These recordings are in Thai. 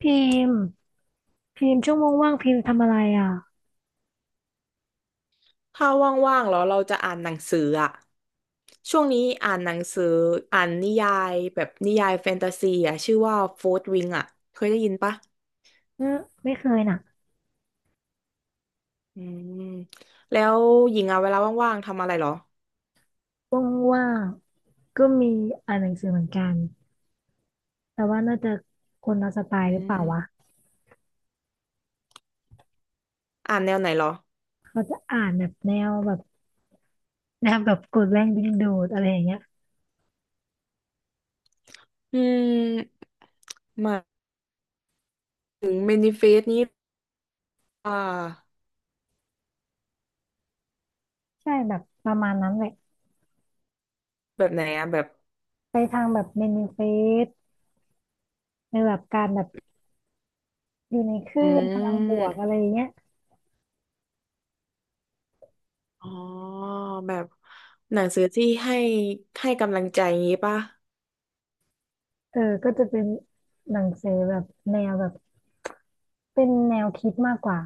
พิมพ์พิมพ์ช่วโมงว่างๆพิมพ์ทำอะไรอ่ะถ้าว่างๆแล้วเราจะอ่านหนังสืออะช่วงนี้อ่านหนังสืออ่านนิยายแบบนิยายแฟนตาซีอะชื่อว่าโฟร์ w วิงอะเคยได้ยินปะเออไม่เคยน่ะอืมแล้วหญิงอะเวลาว่างๆทำอะไรเหรอว่างๆก็มีอ่านหนังสือเหมือนกันแต่ว่าน่าจะคนละสไตอืล์หรือเปล่าวะมอ่านแนวไหนเหรอเขาจะอ่านแบบแนวแบบแนวแบบกดแรงดึงดูดอะไรอย่างเงี้ยอืมหมายถึงเมนิเฟสนี้อ่าใช่แบบประมาณนั้นแหละแบบไหนอะแบบไปทางแบบเมนิเฟสในแบบการแบบอยู่ในคลื่อืนพลังบวกอะไรมอย่างเงี้ยอ๋อแบบหนังสือที่ให้กำลังใจงี้ปะเออก็จะเป็นหนังสือแบบแนวแบบเป็นแนวคิดมากกว่า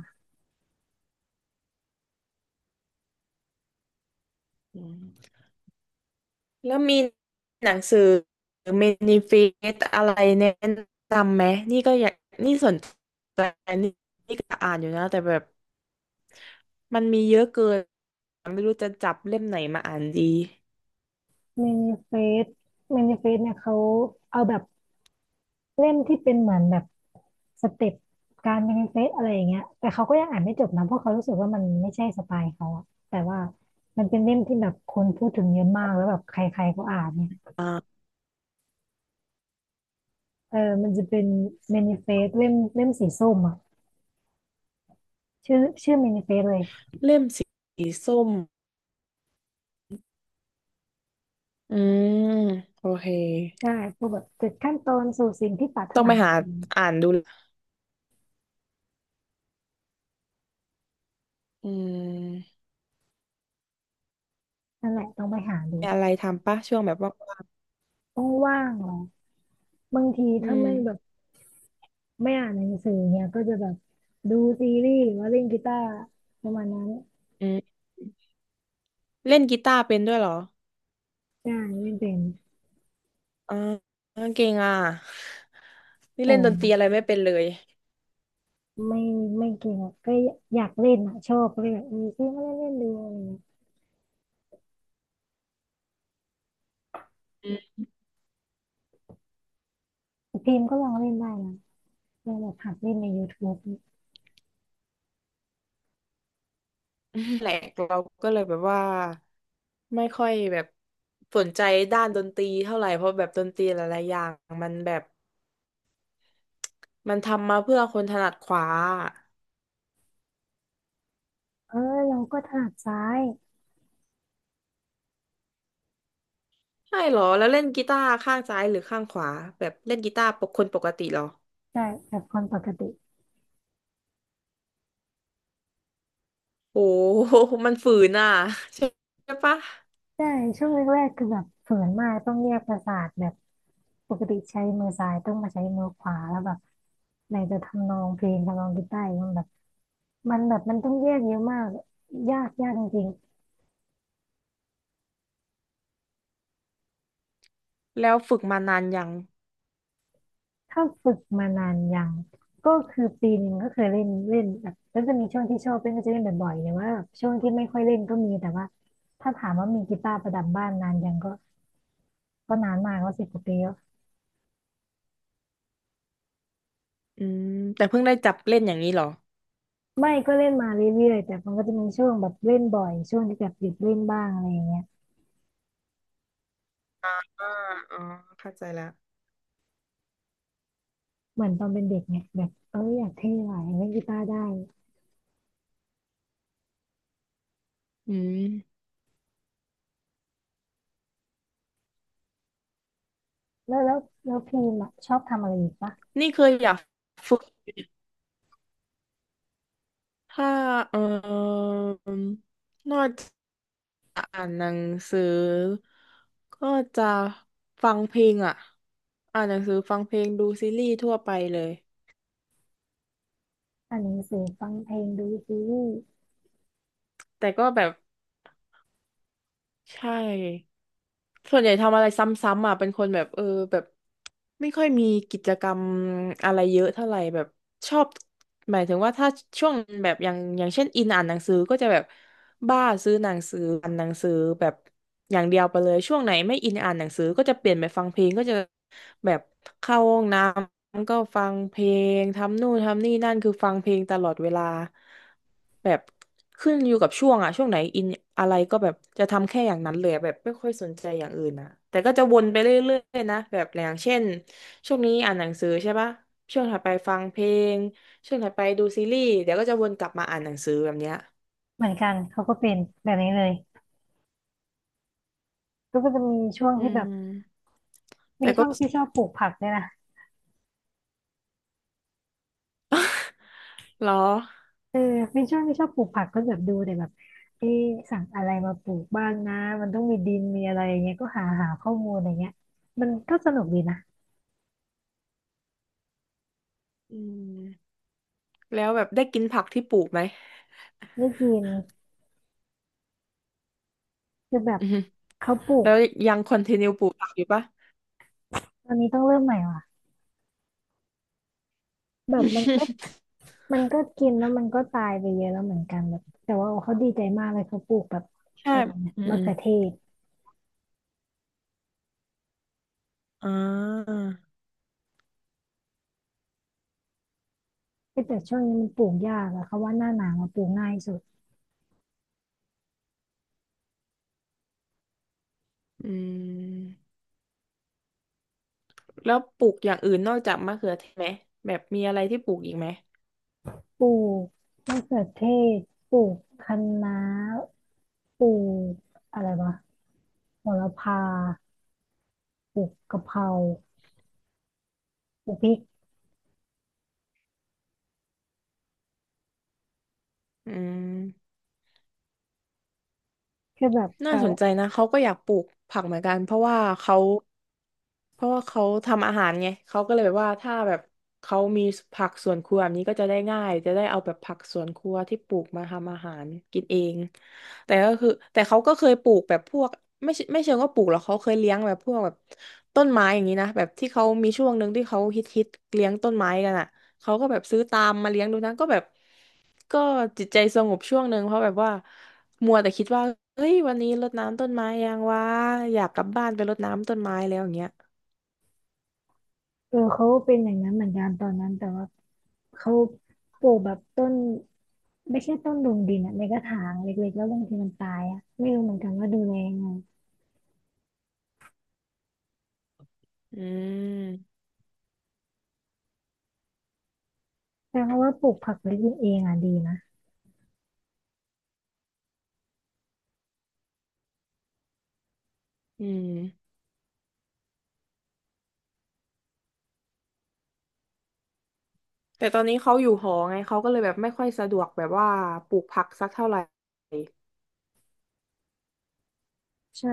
อืม แล้วมีหนังสือเมนิเฟสอะไรแนะนำไหมนี่ก็อยากนี่สนใจนี่นี่ก็อ่านอยู่นะแต่แบบมันมีเยอะเกินไม่รู้จะจับเล่มไหนมาอ่านดีเมนิเฟสเมนิเฟสเนี่ยเขาเอาแบบ เล่มที่เป็นเหมือนแบบสเต็ปการเป็นเฟซอะไรอย่างเงี้ยแต่เขาก็ยังอ่านไม่จบนะเพราะเขารู้สึกว่ามันไม่ใช่สไตล์เขาอะแต่ว่ามันเป็นเล่มที่แบบคนพูดถึงเยอะมากแล้วแบบใครๆก็อ่านเนี่ยอ่าเออมันจะเป็นเมนิเฟสเล่มเล่มสีส้มอะชื่อชื่อเมนิเฟสเลยเล่มสีส้มอืมโอเคใช่พวกแบบเจุดขั้นตอนสู่สิ่งที่ปรารถต้องนาไปอะหาไรอย่างเงี้ยอ่านดูละอืมนั่นแหละต้องไปหาดูมีอะไรทำปะช่วงแบบว่างต้องว่างเหรอบางทีๆอืถ้ามไม่แบบไม่อ่านหนังสือเนี่ยก็จะแบบดูซีรีส์หรือว่าเล่นกีตาร์ประมาณนั้น อืมเล่นกีตาร์เป็นด้วยเหรอใช่ไม่เป็นอ่าเก่งอ่ะนี่โอเล่นดนตรีอะ้ไรไม่เป็นเลย ไม่ไม่เก่งอะก็อยากเล่นอ่ะชอบก็เลยแบบเออพี่ไมาเล่นเล่นดูอะไรเงี้ยแต่พิมพ์ก็ลองเล่นได้นะลองแบบหัดเล่นใน YouTube เนี่ยแหลกเราก็เลยแบบว่าไม่ค่อยแบบสนใจด้านดนตรีเท่าไหร่เพราะแบบดนตรีหลายๆอย่างมันแบบมันทำมาเพื่อคนถนัดขวาเออเราก็ถนัดซ้ายใช่เหรอแล้วเล่นกีตาร์ข้างซ้ายหรือข้างขวาแบบเล่นกีตาร์ปกคนปกติเหรอใช่แบบคนปกติโอ้โหมันฝืนอ่ะ ใช่ปะใช่ช่วงแรกๆคือแบบฝืนมากต้องแยกประสาทแบบปกติใช้มือซ้ายต้องมาใช้มือขวาแล้วแบบไหนจะทำนองเพลงทำนองกีตาร์อีกมันแบบมันต้องแยกเยอะมากยากยากจริง แล้วฝึกมานานยังถ้าฝึกมานานยังก็คือปีหนึ่งก็เคยเล่นเล่นแบบก็จะมีช่วงที่ชอบเล่นก็จะเล่นบ่อยๆหรว่าช่วงที่ไม่ค่อยเล่นก็มีแต่ว่าถ้าถามว่ามีกีตาร์ประดับบ้านนานยังก็นานมากก็สิบกว่าปีแล้วอืมแต่เพิ่งได้จับเล่นอย่างนี้เหรอไม่ก็เล่นมาเรื่อยๆแต่มันก็จะมีช่วงแบบเล่นบ่อยช่วงที่แบบหยุดเล่นบ้างอะไรอย่างเงี้ยอ่าอ๋อเข้าใจแล้วเหมือนตอนเป็นเด็กเนี่ยแบบเอออยากเท่หน่อยเล่นกีตาร์ได้อืมแล้วแล้วแล้วพีมอะชอบทำอะไรอีกปะนี่เคยอยากฝึก ถ้าเอ่มนอกจากอ่านหนังสือก็จะฟังเพลงอ่ะอ่านหนังสือฟังเพลงดูซีรีส์ทั่วไปเลยอ่านหนังสือฟังเพลงดูซีรีส์แต่ก็แบบใช่ส่วนใหญ่ทำอะไรซ้ำๆอ่ะเป็นคนแบบเออแบบไม่ค่อยมีกิจกรรมอะไรเยอะเท่าไหร่แบบชอบหมายถึงว่าถ้าช่วงแบบอย่างอย่างเช่นอินอ่านหนังสือก็จะแบบ บ้าซื้อหนังสืออ่านหนังสือแบบอย่างเดียวไปเลยช่วงไหนไม่อินอ่านหนังสือก็จะเปลี่ยนไปฟังเพลงก็จะแบบเข้าห้องน้ำก็ฟังเพลงทำนู่นทำนี่นั่นคือฟังเพลงตลอดเวลาแบบขึ้นอยู่กับช่วงอะช่วงไหนอินอะไรก็แบบจะทำแค่อย่างนั้นเลยอะแบบไม่ค่อยสนใจอย่างอื่นอะแต่ก็จะวนไปเรื่อยๆนะแบบอย่างเช่นช่วงนี้อ่านหนังสือใช่ปะช่วงถัดไปฟังเพลงช่วงถัดไปดูซีรีส์เดี๋ยวก็จะวนกลับมาอ่านหนังสือแบบเนี้ยเหมือนกันเขาก็เป็นแบบนี้เลยก็จะมีช่วงอืที่แบบ ม ไม่แต่ชก็ อบไม่ชอบปลูกผักเลยนะ เหรอเออไม่ชอบไม่ชอบปลูกผักก็แบบดูแต่แบบเอ๊ะสั่งอะไรมาปลูกบ้างนะมันต้องมีดินมีอะไรอย่างเงี้ยก็หาหาข้อมูลอะไรเงี้ยมันก็สนุกดีนะอืมแล้วแบบได้กินผักที่ปลูกไหมได้กินคือแบบอือฮึเขาปลูกแล้วยังคอนติเนียปลูกผักอยู่ปะ ตอนนี้ต้องเริ่มใหม่ว่ะแบบมันก็ มันก็กินแล้วมันก็ตายไปเยอะแล้วเหมือนกันแบบแต่ว่าเขาดีใจมากเลยเขาปลูกแบบใช่อะไรนะอืมมะอมเขือเทศอ่าเอ้ยแต่ช่วงนี้มันปลูกยากอะเขาว่าหน้าหนาวมาปลูกง่ายสุดอืมแล้วปลูกอย่างอื่นนอกจากมะเขือเทศไหมแบบมีอะไรที่ปลูกอีกไหมปลูกมะเขือเทศปลูกคะน้า ปลูกอะไรวะโหระพาปลูกกะเพราปลูกพริกอืมคือแบบน่าเก่าสนใจนะเขาก็อยากปลูกผักเหมือนกันเพราะว่าเขา เพราะว่าเขาทำอาหารไงเขาก็เลยแบบว่าถ้าแบบเขามีผักสวนครัวแบบนี้ก็จะได้ง่ายจะได้เอาแบบผักสวนครัวที่ปลูกมาทำอาหารกินเองแต่ก็คือแต่เขาก็เคยปลูกแบบพวกไม่ใช่ไม่เชิงว่าปลูกหรอกเขาเคยเลี้ยงแบบพวกแบบต้นไม้อย่างนี้นะแบบที่เขามีช่วงหนึ่งที่เขาฮิตเลี้ยงต้นไม้กันอ่ะเขาก็แบบซื้อตามมาเลี้ยงดูนะก็แบบก็จิตใจสงบช่วงหนึ่งเพราะแบบว่ามัวแต่คิดว่าเฮ้ยวันนี้รดน้ำต้นไม้ยังวะอยากกลับบ้านไปรดน้ำต้นไม้แล้วอย่างเงี้ย เออเขาเป็นอย่างนั้นเหมือนกันตอนนั้นแต่ว่าเขาปลูกแบบต้นไม่ใช่ต้นลงดินอะในกระถางเล็กๆแล้วบางทีมันตายอะไม่รู้เหมือนกันว่าดูแลยังไงอืมแต่เพราะว่าปลูกผักเล็กๆเองอ่ะดีนะอืมแต่ตอนนี้เขาอยู่หอไงเขาก็เลยแบบไม่ค่อยสะดวกแบบว่าปลูกผักสักเท่าไหร่ใช่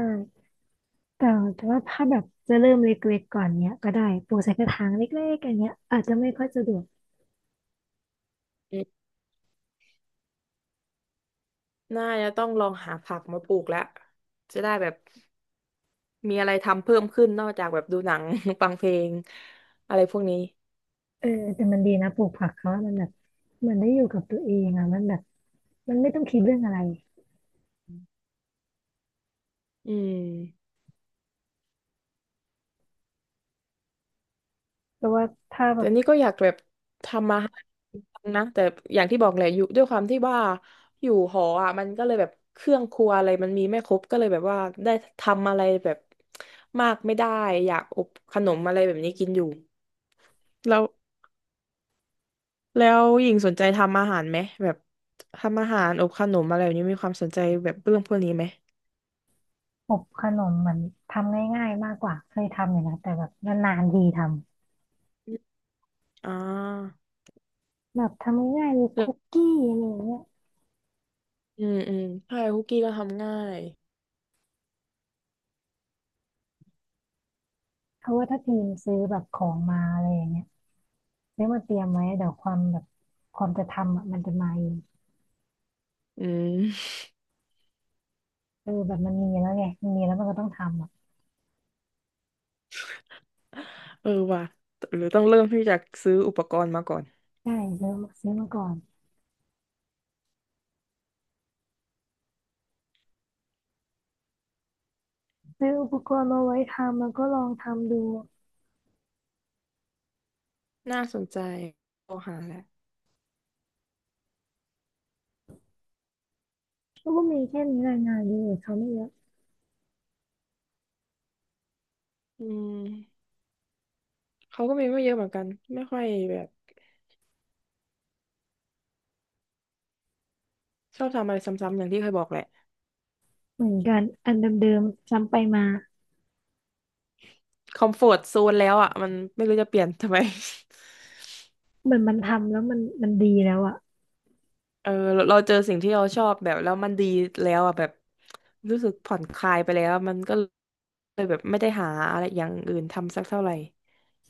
แต่แต่ว่าถ้าแบบจะเริ่มเล็กๆก่อนเนี้ยก็ได้ปลูกใส่กระถางเล็กๆอย่างเงี้ยอาจจะไม่ค่อยสะดวก อืมน่าจะต้องลองหาผักมาปลูกแล้วจะได้แบบมีอะไรทำเพิ่มขึ้นนอกจากแบบดูหนัง ฟังเพลงอะไรพวกนี้เออแต่มันดีนะปลูกผักเขาอะมันแบบเหมันได้อยู่กับตัวเองอ่ะมันแบบมันไม่ต้องคิดเรื่องอะไรอืม เพราะว่าถ้าแบแต่บนี่ก็อยากแบบทำมาหากินนะแต่อย่างที่บอกแหละอยู่ด้วยความที่ว่าอยู่หออ่ะมันก็เลยแบบเครื่องครัวอะไรมันมีไม่ครบก็เลยแบบว่าได้ทำอะไรแบบมากไม่ได้อยากอบขนมอะไรแบบนี้กินอยู่แล้วแล้วหญิงสนใจทำอาหารไหมแบบทำอาหารอบขนมอะไรแบบนี้มีความสนใจแบบเรื่องพวกนี้ไหมอบขนมมันทำง่ายๆมากกว่าเคยทำอยู่นะแต่แบบนานๆทีทำอมอ่าแบบทำง่ายๆเลยแล้คุวกกี้อะไรอย่างเงี้ยอืมอืมใช่คุกกี้ก็ทำง่ายเพราะว่าถ้าทีมซื้อแบบของมาอะไรอย่างเงี้ยซื้อมาเตรียมไว้เดี๋ยวความแบบความจะทำอ่ะมันจะมาเองอืม เออแบบมันมีแล้วไงมันมีแล้วมันก็ต้องทำอ่ะ เออว่ะหรือต้องเริ่มที่จะซื้ออุปกรณ์มาก่อน ใช่ซื้อมาก่อนซื้ออุปกรณ์มาไว้ทำแล้วก็ลองทำดู น่าสนใจโทรหาแหละก็มีแค่นี้รายงานเยอะเขาไม่เยอะอืมเขาก็มีไม่เยอะเหมือนกันไม่ค่อยแบบชอบทำอะไรซ้ำๆอย่างที่เคยบอกแหละเหมือนกันอันเดิมๆซ้ำไปมาคอมฟอร์ตโซนแล้วอ่ะมันไม่รู้จะเปลี่ยนทำไม เหมือนมันทำแล้วมันดีแล้วอ่ะ เออเราเจอสิ่งที่เราชอบแบบแล้วมันดีแล้วอ่ะแบบรู้สึกผ่อนคลายไปแล้วมันก็เลยแบบไม่ได้หาอะไรอย่างอื่นทำสักเท่าไหร่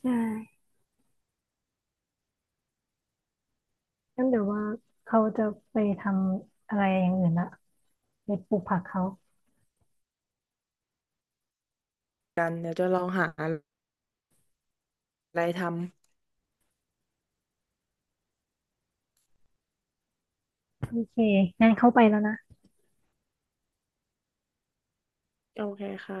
ใช่งั้นเดี๋ยวว่าเขาจะไปทำอะไรอย่างอื่นละไปปลูกผักเขากันเดี๋ยวจะลองหาอะไรทโอเคงั้นเข้าไปแล้วนะำโอเคค่ะ